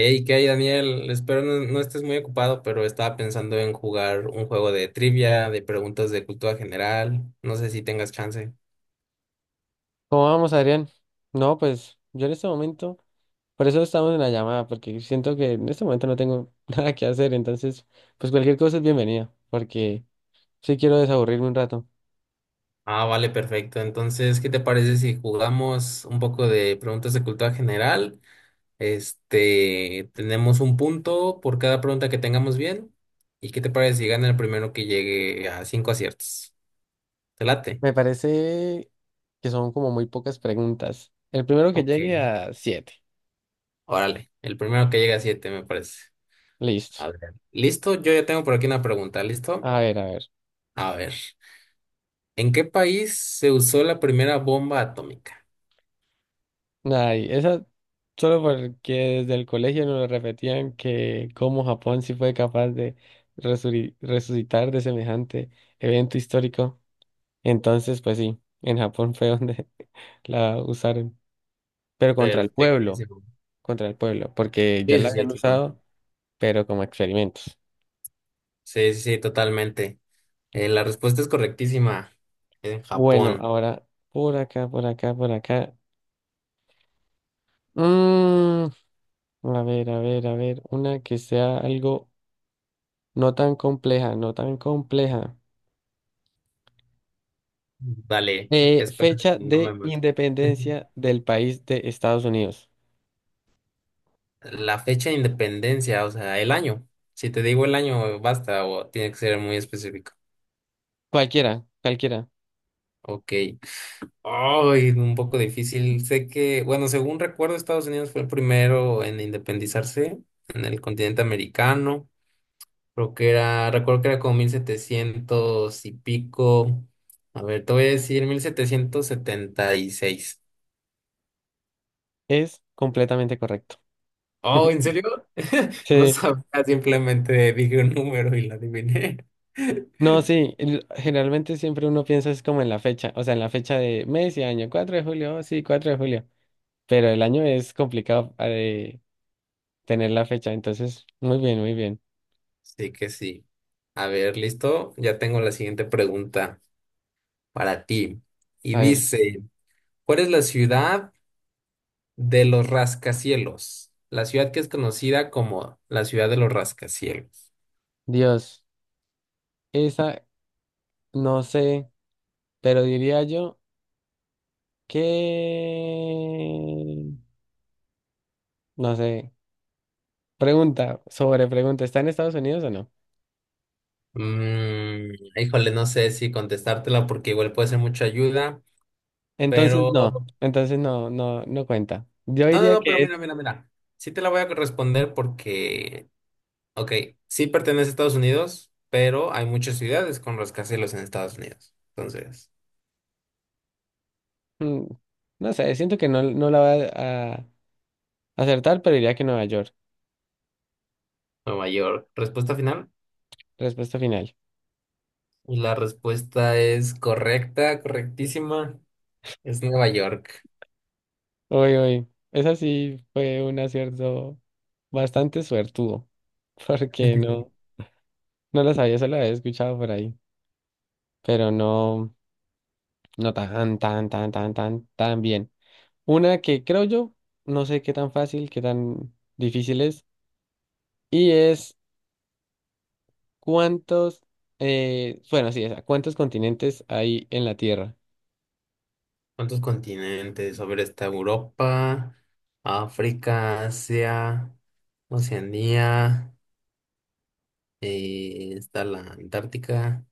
Hey, ¿qué hay, Daniel? Espero no estés muy ocupado, pero estaba pensando en jugar un juego de trivia, de preguntas de cultura general. No sé si tengas chance. ¿Cómo vamos, Adrián? No, pues yo en este momento, por eso estamos en la llamada, porque siento que en este momento no tengo nada que hacer, entonces, pues cualquier cosa es bienvenida, porque sí quiero desaburrirme un rato. Ah, vale, perfecto. Entonces, ¿qué te parece si jugamos un poco de preguntas de cultura general? Este, tenemos un punto por cada pregunta que tengamos bien. ¿Y qué te parece si gana el primero que llegue a cinco aciertos? ¿Te late? Me parece que son como muy pocas preguntas. El primero que Ok, llegue a siete. órale. El primero que llegue a siete, me parece. A Listo. ver. Listo, yo ya tengo por aquí una pregunta. ¿Listo? A ver, a ver. A ver, ¿en qué país se usó la primera bomba atómica? Ay, esa solo porque desde el colegio nos repetían que cómo Japón sí fue capaz de resucitar de semejante evento histórico. Entonces, pues sí, en Japón fue donde la usaron, pero Perfectísimo. contra el pueblo, porque ya Sí, la sí, sí, habían sí, claro. usado, pero como experimentos. Sí, sí, sí, totalmente. La respuesta es correctísima. En Bueno, Japón. ahora por acá, por acá, por acá. Mm, a ver, a ver, a ver, una que sea algo no tan compleja, no tan compleja. Dale, Eh, espera, fecha no me de mato. independencia del país de Estados Unidos. La fecha de independencia, o sea, el año. Si te digo el año, basta, o tiene que ser muy específico. Cualquiera, cualquiera. Ok. Ay, un poco difícil. Sé que, bueno, según recuerdo, Estados Unidos fue el primero en independizarse en el continente americano. Creo que era, recuerdo que era como 1700 y pico. A ver, te voy a decir 1776. Es completamente correcto. Oh, ¿en serio? No Sí. sabía, simplemente dije un número y la adiviné. No, sí, generalmente siempre uno piensa es como en la fecha, o sea, en la fecha de mes y año, 4 de julio, oh, sí, 4 de julio, pero el año es complicado, tener la fecha, entonces, muy bien, muy bien. Sí que sí. A ver, listo. Ya tengo la siguiente pregunta para ti. Y A ver, dice, ¿cuál es la ciudad de los rascacielos? La ciudad que es conocida como la ciudad de los rascacielos. Dios, esa, no sé, pero diría yo que, no sé, pregunta sobre pregunta, ¿está en Estados Unidos o no? Híjole, no sé si contestártela porque igual puede ser mucha ayuda, Entonces, no, pero... entonces no, no, no cuenta. Yo No, no, diría no, pero que es, mira, mira, mira. Sí te la voy a responder porque, ok, sí pertenece a Estados Unidos, pero hay muchas ciudades con rascacielos en Estados Unidos. Entonces, mm, no sé, siento que no, no la va a acertar, pero diría que Nueva York. Nueva York. Respuesta final. Respuesta final. Y la respuesta es correcta, correctísima. Es Nueva York. Uy, uy. Esa sí fue un acierto bastante suertudo. Porque no, no lo sabía, solo había escuchado por ahí. Pero no, no tan, tan, tan, tan, tan, tan bien. Una que creo yo, no sé qué tan fácil, qué tan difícil es. Y es cuántos, bueno, sí, esa, ¿cuántos continentes hay en la Tierra? ¿Cuántos continentes? A ver, está Europa, África, Asia, Oceanía. Está la Antártica,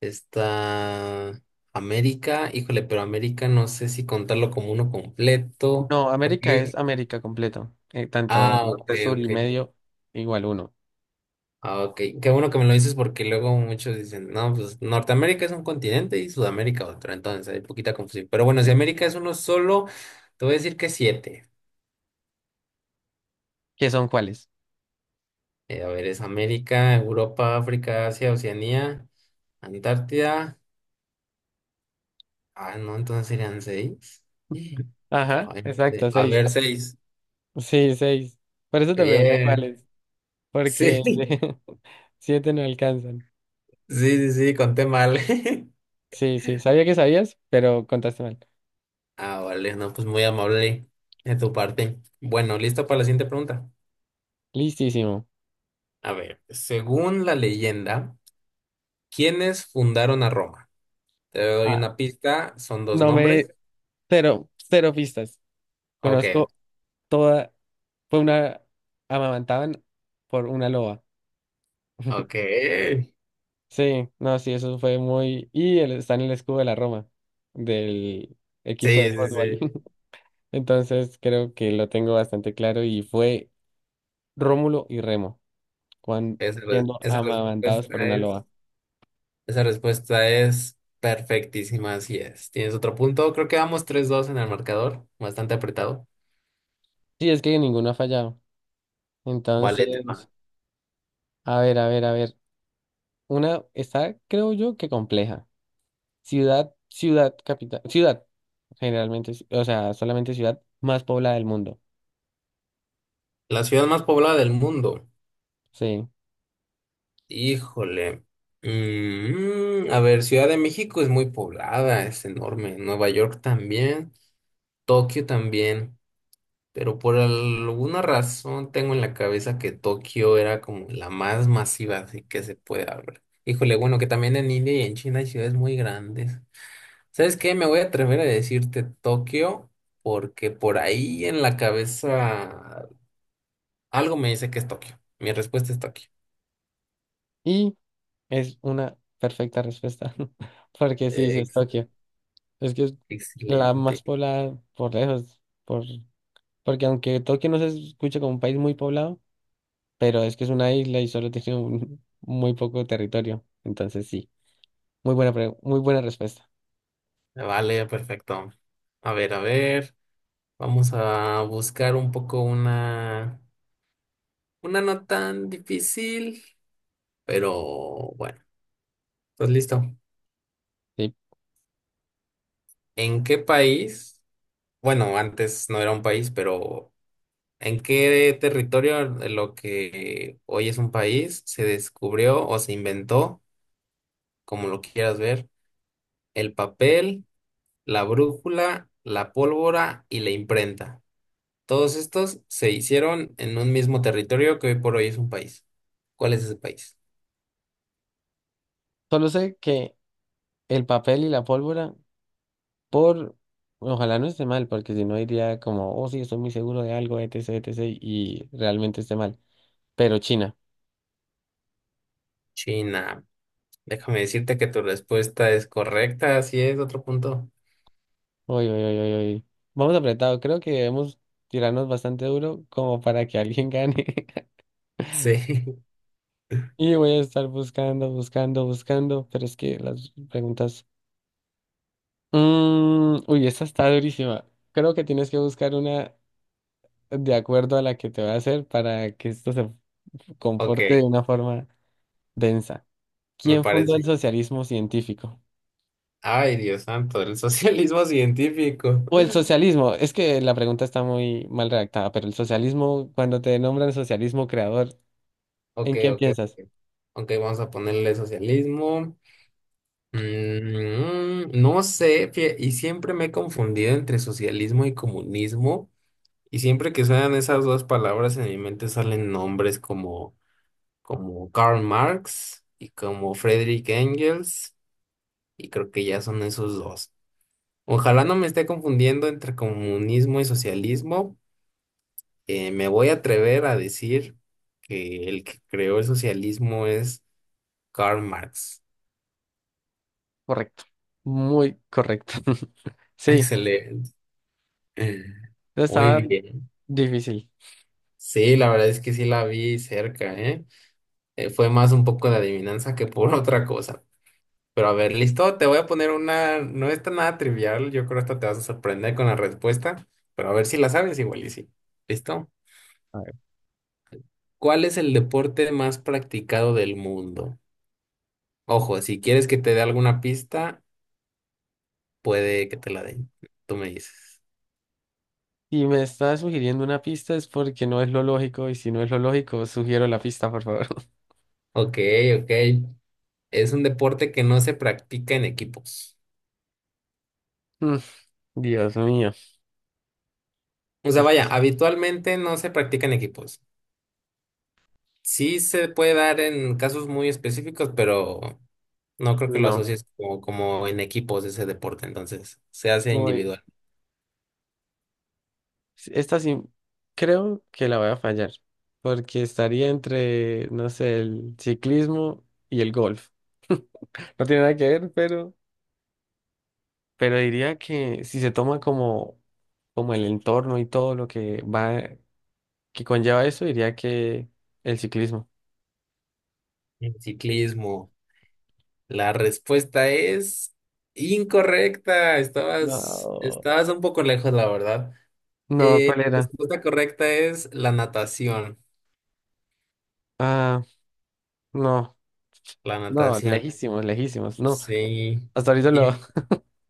está América, híjole, pero América no sé si contarlo como uno completo, No, América es porque... América completo. Tanto Ah, ok, norte, sur y ok. medio, igual uno. Ah, ok, qué bueno que me lo dices porque luego muchos dicen, no, pues Norteamérica es un continente y Sudamérica otro, entonces hay poquita confusión. Pero bueno, si América es uno solo, te voy a decir que siete. ¿Qué son cuáles? A ver, es América, Europa, África, Asia, Oceanía, Antártida. Ah, no, entonces serían seis. Ajá, Ay, sí. exacto, A seis. ver, seis. Sí, seis. Por eso te pregunté Bien. cuáles, Sí, porque sí, siete no alcanzan. sí, sí, conté mal. Sí, sí, sabía que sabías, pero contaste mal. Ah, vale, no, pues muy amable de tu parte. Bueno, listo para la siguiente pregunta. Listísimo. A ver, según la leyenda, ¿quiénes fundaron a Roma? Te doy Ah, una pista, son dos no me. nombres. Cero, cero pistas. Ok, Conozco toda. Fue una. Amamantaban por una loba. ok. Sí, Sí, no, sí, eso fue muy. Y está en el escudo de la Roma, del equipo de sí, fútbol. sí. Entonces creo que lo tengo bastante claro y fue. Rómulo y Remo, cuando Esa, re- siendo esa amamantados por respuesta una es, loba. esa respuesta es perfectísima, así es. ¿Tienes otro punto? Creo que vamos 3-2 en el marcador, bastante apretado. Sí, es que ninguno ha fallado. Vale, te Entonces, va. a ver, a ver, a ver. Una está, creo yo, que compleja. Ciudad, ciudad, capital, ciudad, generalmente, o sea, solamente ciudad más poblada del mundo. La ciudad más poblada del mundo. Sí. Híjole. A ver, Ciudad de México es muy poblada, es enorme. Nueva York también, Tokio también. Pero por alguna razón tengo en la cabeza que Tokio era como la más masiva, así que se puede hablar. Híjole, bueno, que también en India y en China hay ciudades muy grandes. ¿Sabes qué? Me voy a atrever a decirte Tokio porque por ahí en la cabeza algo me dice que es Tokio. Mi respuesta es Tokio. Y es una perfecta respuesta, porque sí, sí es Ex- Tokio. Es que es la Excelente. más poblada por lejos, porque aunque Tokio no se escucha como un país muy poblado, pero es que es una isla y solo tiene muy poco territorio. Entonces sí, muy buena, muy buena respuesta. Vale, perfecto. A ver, a ver. Vamos a buscar un poco una no tan difícil, pero bueno, ¿estás listo? Sí. ¿En qué país? Bueno, antes no era un país, pero ¿en qué territorio de lo que hoy es un país se descubrió o se inventó, como lo quieras ver, el papel, la brújula, la pólvora y la imprenta? Todos estos se hicieron en un mismo territorio que hoy por hoy es un país. ¿Cuál es ese país? Solo sé que el papel y la pólvora, por. Ojalá no esté mal, porque si no diría como, oh sí, estoy muy seguro de algo, etc., etc., y realmente esté mal. Pero China. China. Déjame decirte que tu respuesta es correcta, así es, otro punto. Uy, uy, uy, uy, uy. Vamos apretado. Creo que debemos tirarnos bastante duro como para que alguien gane. Sí, Y voy a estar buscando, buscando, buscando, pero es que las preguntas. Uy, esta está durísima. Creo que tienes que buscar una de acuerdo a la que te va a hacer para que esto se comporte de ok, una forma densa. me ¿Quién fundó el parece. socialismo científico? Ay, Dios santo, el socialismo científico. O el socialismo, es que la pregunta está muy mal redactada, pero el socialismo, cuando te nombran socialismo creador, Ok, ¿en quién ok, piensas? ok. Ok, vamos a ponerle socialismo. No sé, y siempre me he confundido entre socialismo y comunismo, y siempre que suenan esas dos palabras en mi mente salen nombres como Karl Marx y como Friedrich Engels, y creo que ya son esos dos. Ojalá no me esté confundiendo entre comunismo y socialismo. Me voy a atrever a decir que el que creó el socialismo es Karl Marx. Correcto. Muy correcto. Sí, Excelente. eso estaba Muy ok bien. difícil. Sí, la verdad es que sí la vi cerca, ¿eh? Fue más un poco de adivinanza que por otra cosa. Pero a ver, listo, te voy a poner una, no está nada trivial, yo creo que esta te vas a sorprender con la respuesta, pero a ver si la sabes igual y sí. ¿Listo? A ver. ¿Cuál es el deporte más practicado del mundo? Ojo, si quieres que te dé alguna pista, puede que te la den. Tú me dices. Si me estás sugiriendo una pista es porque no es lo lógico y si no es lo lógico, sugiero la pista, por favor. Ok, ok. Es un deporte que no se practica en equipos. Dios mío. O sea, Y- vaya, habitualmente no se practica en equipos. Sí se puede dar en casos muy específicos, pero no creo que Uy, lo no, asocies como, como en equipos ese deporte, entonces se hace voy. individual. Sí, esta sí, creo que la voy a fallar, porque estaría entre, no sé, el ciclismo y el golf. No tiene nada que ver, pero diría que si se toma como, el entorno y todo lo que va, que conlleva eso, diría que el ciclismo. En ciclismo, la respuesta es incorrecta. Estabas, No. estabas un poco lejos, la verdad. No, Eh, ¿cuál la era? respuesta correcta es la natación. Ah, no, La no, natación. lejísimos, lejísimos, no. Sí. Hasta ahorita lo, Y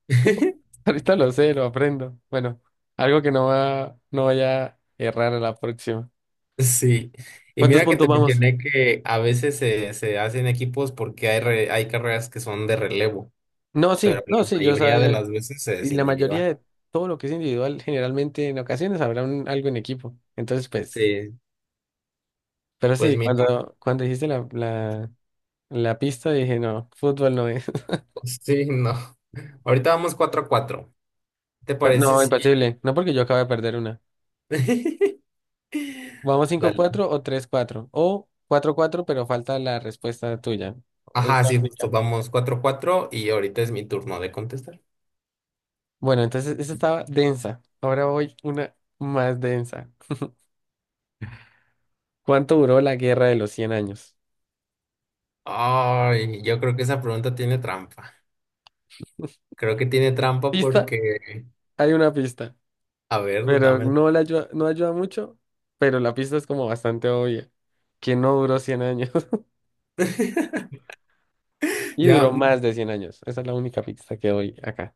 ahorita lo sé, lo aprendo. Bueno, algo que no vaya a errar a la próxima. sí. Y ¿Cuántos mira que puntos te vamos? mencioné que a veces se hacen equipos porque hay carreras que son de relevo. No, sí, La no, sí, yo mayoría de sabía. las veces Y es la mayoría individual. de todo lo que es individual, generalmente en ocasiones habrá algo en equipo. Entonces, pues, Sí. pero Pues sí, mira. Cuando dijiste la pista, dije, no, fútbol no es. Sí, no. Ahorita vamos 4-4. ¿Te parece No, sí? imposible. No porque yo acabo de perder una. Vamos cinco Dale. cuatro o 3-4 o 4-4, pero falta la respuesta tuya. Es Ajá, la sí, justo. única. Vamos 4 a 4 y ahorita es mi turno de contestar. Bueno, entonces esa estaba densa. Ahora voy una más densa. ¿Cuánto duró la guerra de los 100 años? Ay, yo creo que esa pregunta tiene trampa. Creo que tiene trampa Pista, porque... hay una pista, A ver, pero dame. no la ayuda, no ayuda mucho, pero la pista es como bastante obvia, que no duró 100 años y Ya, duró más de 100 años. Esa es la única pista que doy acá.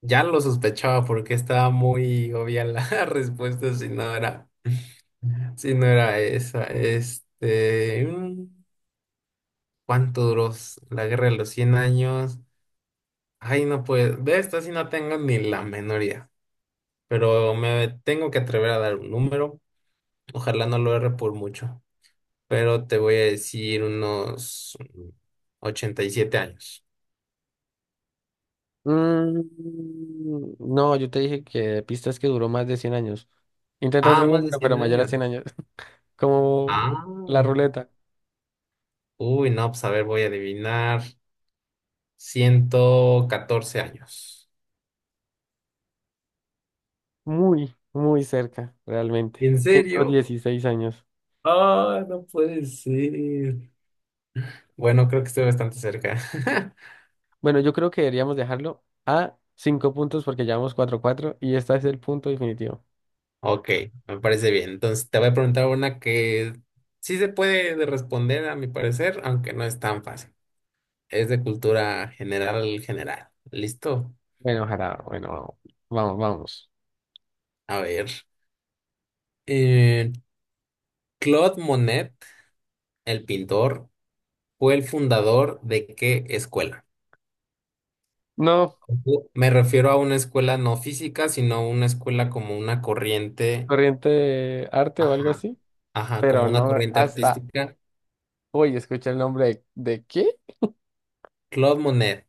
ya lo sospechaba porque estaba muy obvia la respuesta si no era, si no era esa. Este, ¿cuánto duró la guerra de los 100 años? Ay, no pues, de esta sí no tengo ni la menor idea, pero me tengo que atrever a dar un número, ojalá no lo erre por mucho, pero te voy a decir unos 87 años. Mm, no, yo te dije que pistas que duró más de 100 años. Intenta Ah, otro más de número, pero cien mayor a años. 100 años, como Ah, la ruleta. uy, no, pues a ver, voy a adivinar 114 años. Muy, muy cerca, realmente. ¿En Ciento serio? dieciséis años. Ah, no puede ser. Bueno, creo que estoy bastante cerca. Bueno, yo creo que deberíamos dejarlo a cinco puntos porque llevamos 4-4 y este es el punto definitivo. Ok, me parece bien. Entonces te voy a preguntar una que sí se puede de responder a mi parecer, aunque no es tan fácil. Es de cultura general, general. ¿Listo? Bueno, ojalá, bueno, vamos, vamos. A ver. eh, Claude Monet, el pintor, ¿fue el fundador de qué escuela? No, Ojo, me refiero a una escuela no física, sino una escuela como una corriente, corriente de arte o algo ajá, así, ajá, como pero una no corriente hasta artística. hoy escuché el nombre ¿de qué? Claude Monet,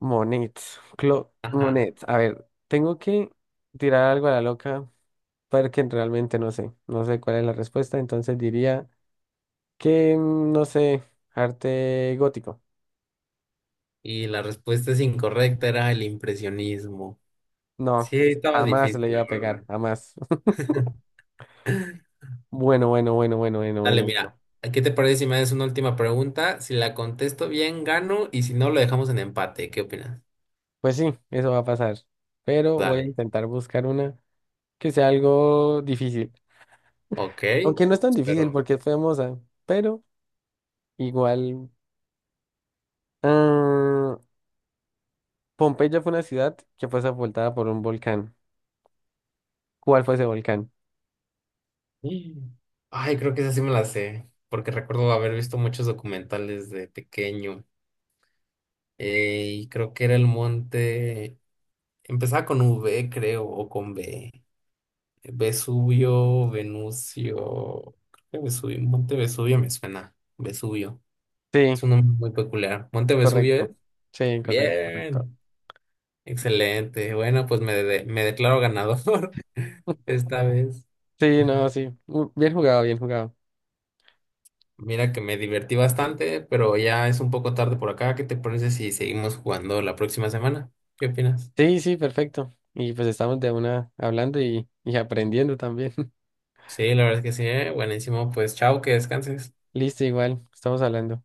Monet, Claude ajá. Monet. A ver, tengo que tirar algo a la loca porque realmente no sé, no sé cuál es la respuesta, entonces diría que, no sé, arte gótico. Y la respuesta es incorrecta, era el impresionismo. No, Sí, estaba jamás difícil, le iba la a pegar, verdad. jamás. Bueno, bueno, bueno, bueno, bueno, Dale, bueno, bueno. mira, ¿a ¿qué te parece si me haces una última pregunta? Si la contesto bien, gano, y si no, lo dejamos en empate. ¿Qué opinas? Pues sí, eso va a pasar. Pero voy a Dale. intentar buscar una que sea algo difícil. Ok, Aunque no es tan difícil espero. porque es famosa, pero igual. ah, Pompeya fue una ciudad que fue sepultada por un volcán. ¿Cuál fue ese volcán? Mm. Ay, creo que esa sí me la sé, porque recuerdo haber visto muchos documentales de pequeño. Y creo que era el monte. Empezaba con V, creo, o con B. Vesubio, Venusio, creo que Vesubio, Monte Vesubio me suena. Vesubio. Sí, Es un nombre muy peculiar. Monte Vesubio es. correcto. Sí, correcto, correcto. Bien. Excelente. Bueno, pues me, me declaro ganador esta vez. Sí, no, sí. Bien jugado, bien jugado. Mira que me divertí bastante, pero ya es un poco tarde por acá. ¿Qué te parece si seguimos jugando la próxima semana? ¿Qué opinas? Sí, sí, perfecto. Y pues estamos de una hablando y aprendiendo también. Sí, la verdad es que sí, buenísimo. Pues chao, que descanses. Listo, igual, estamos hablando.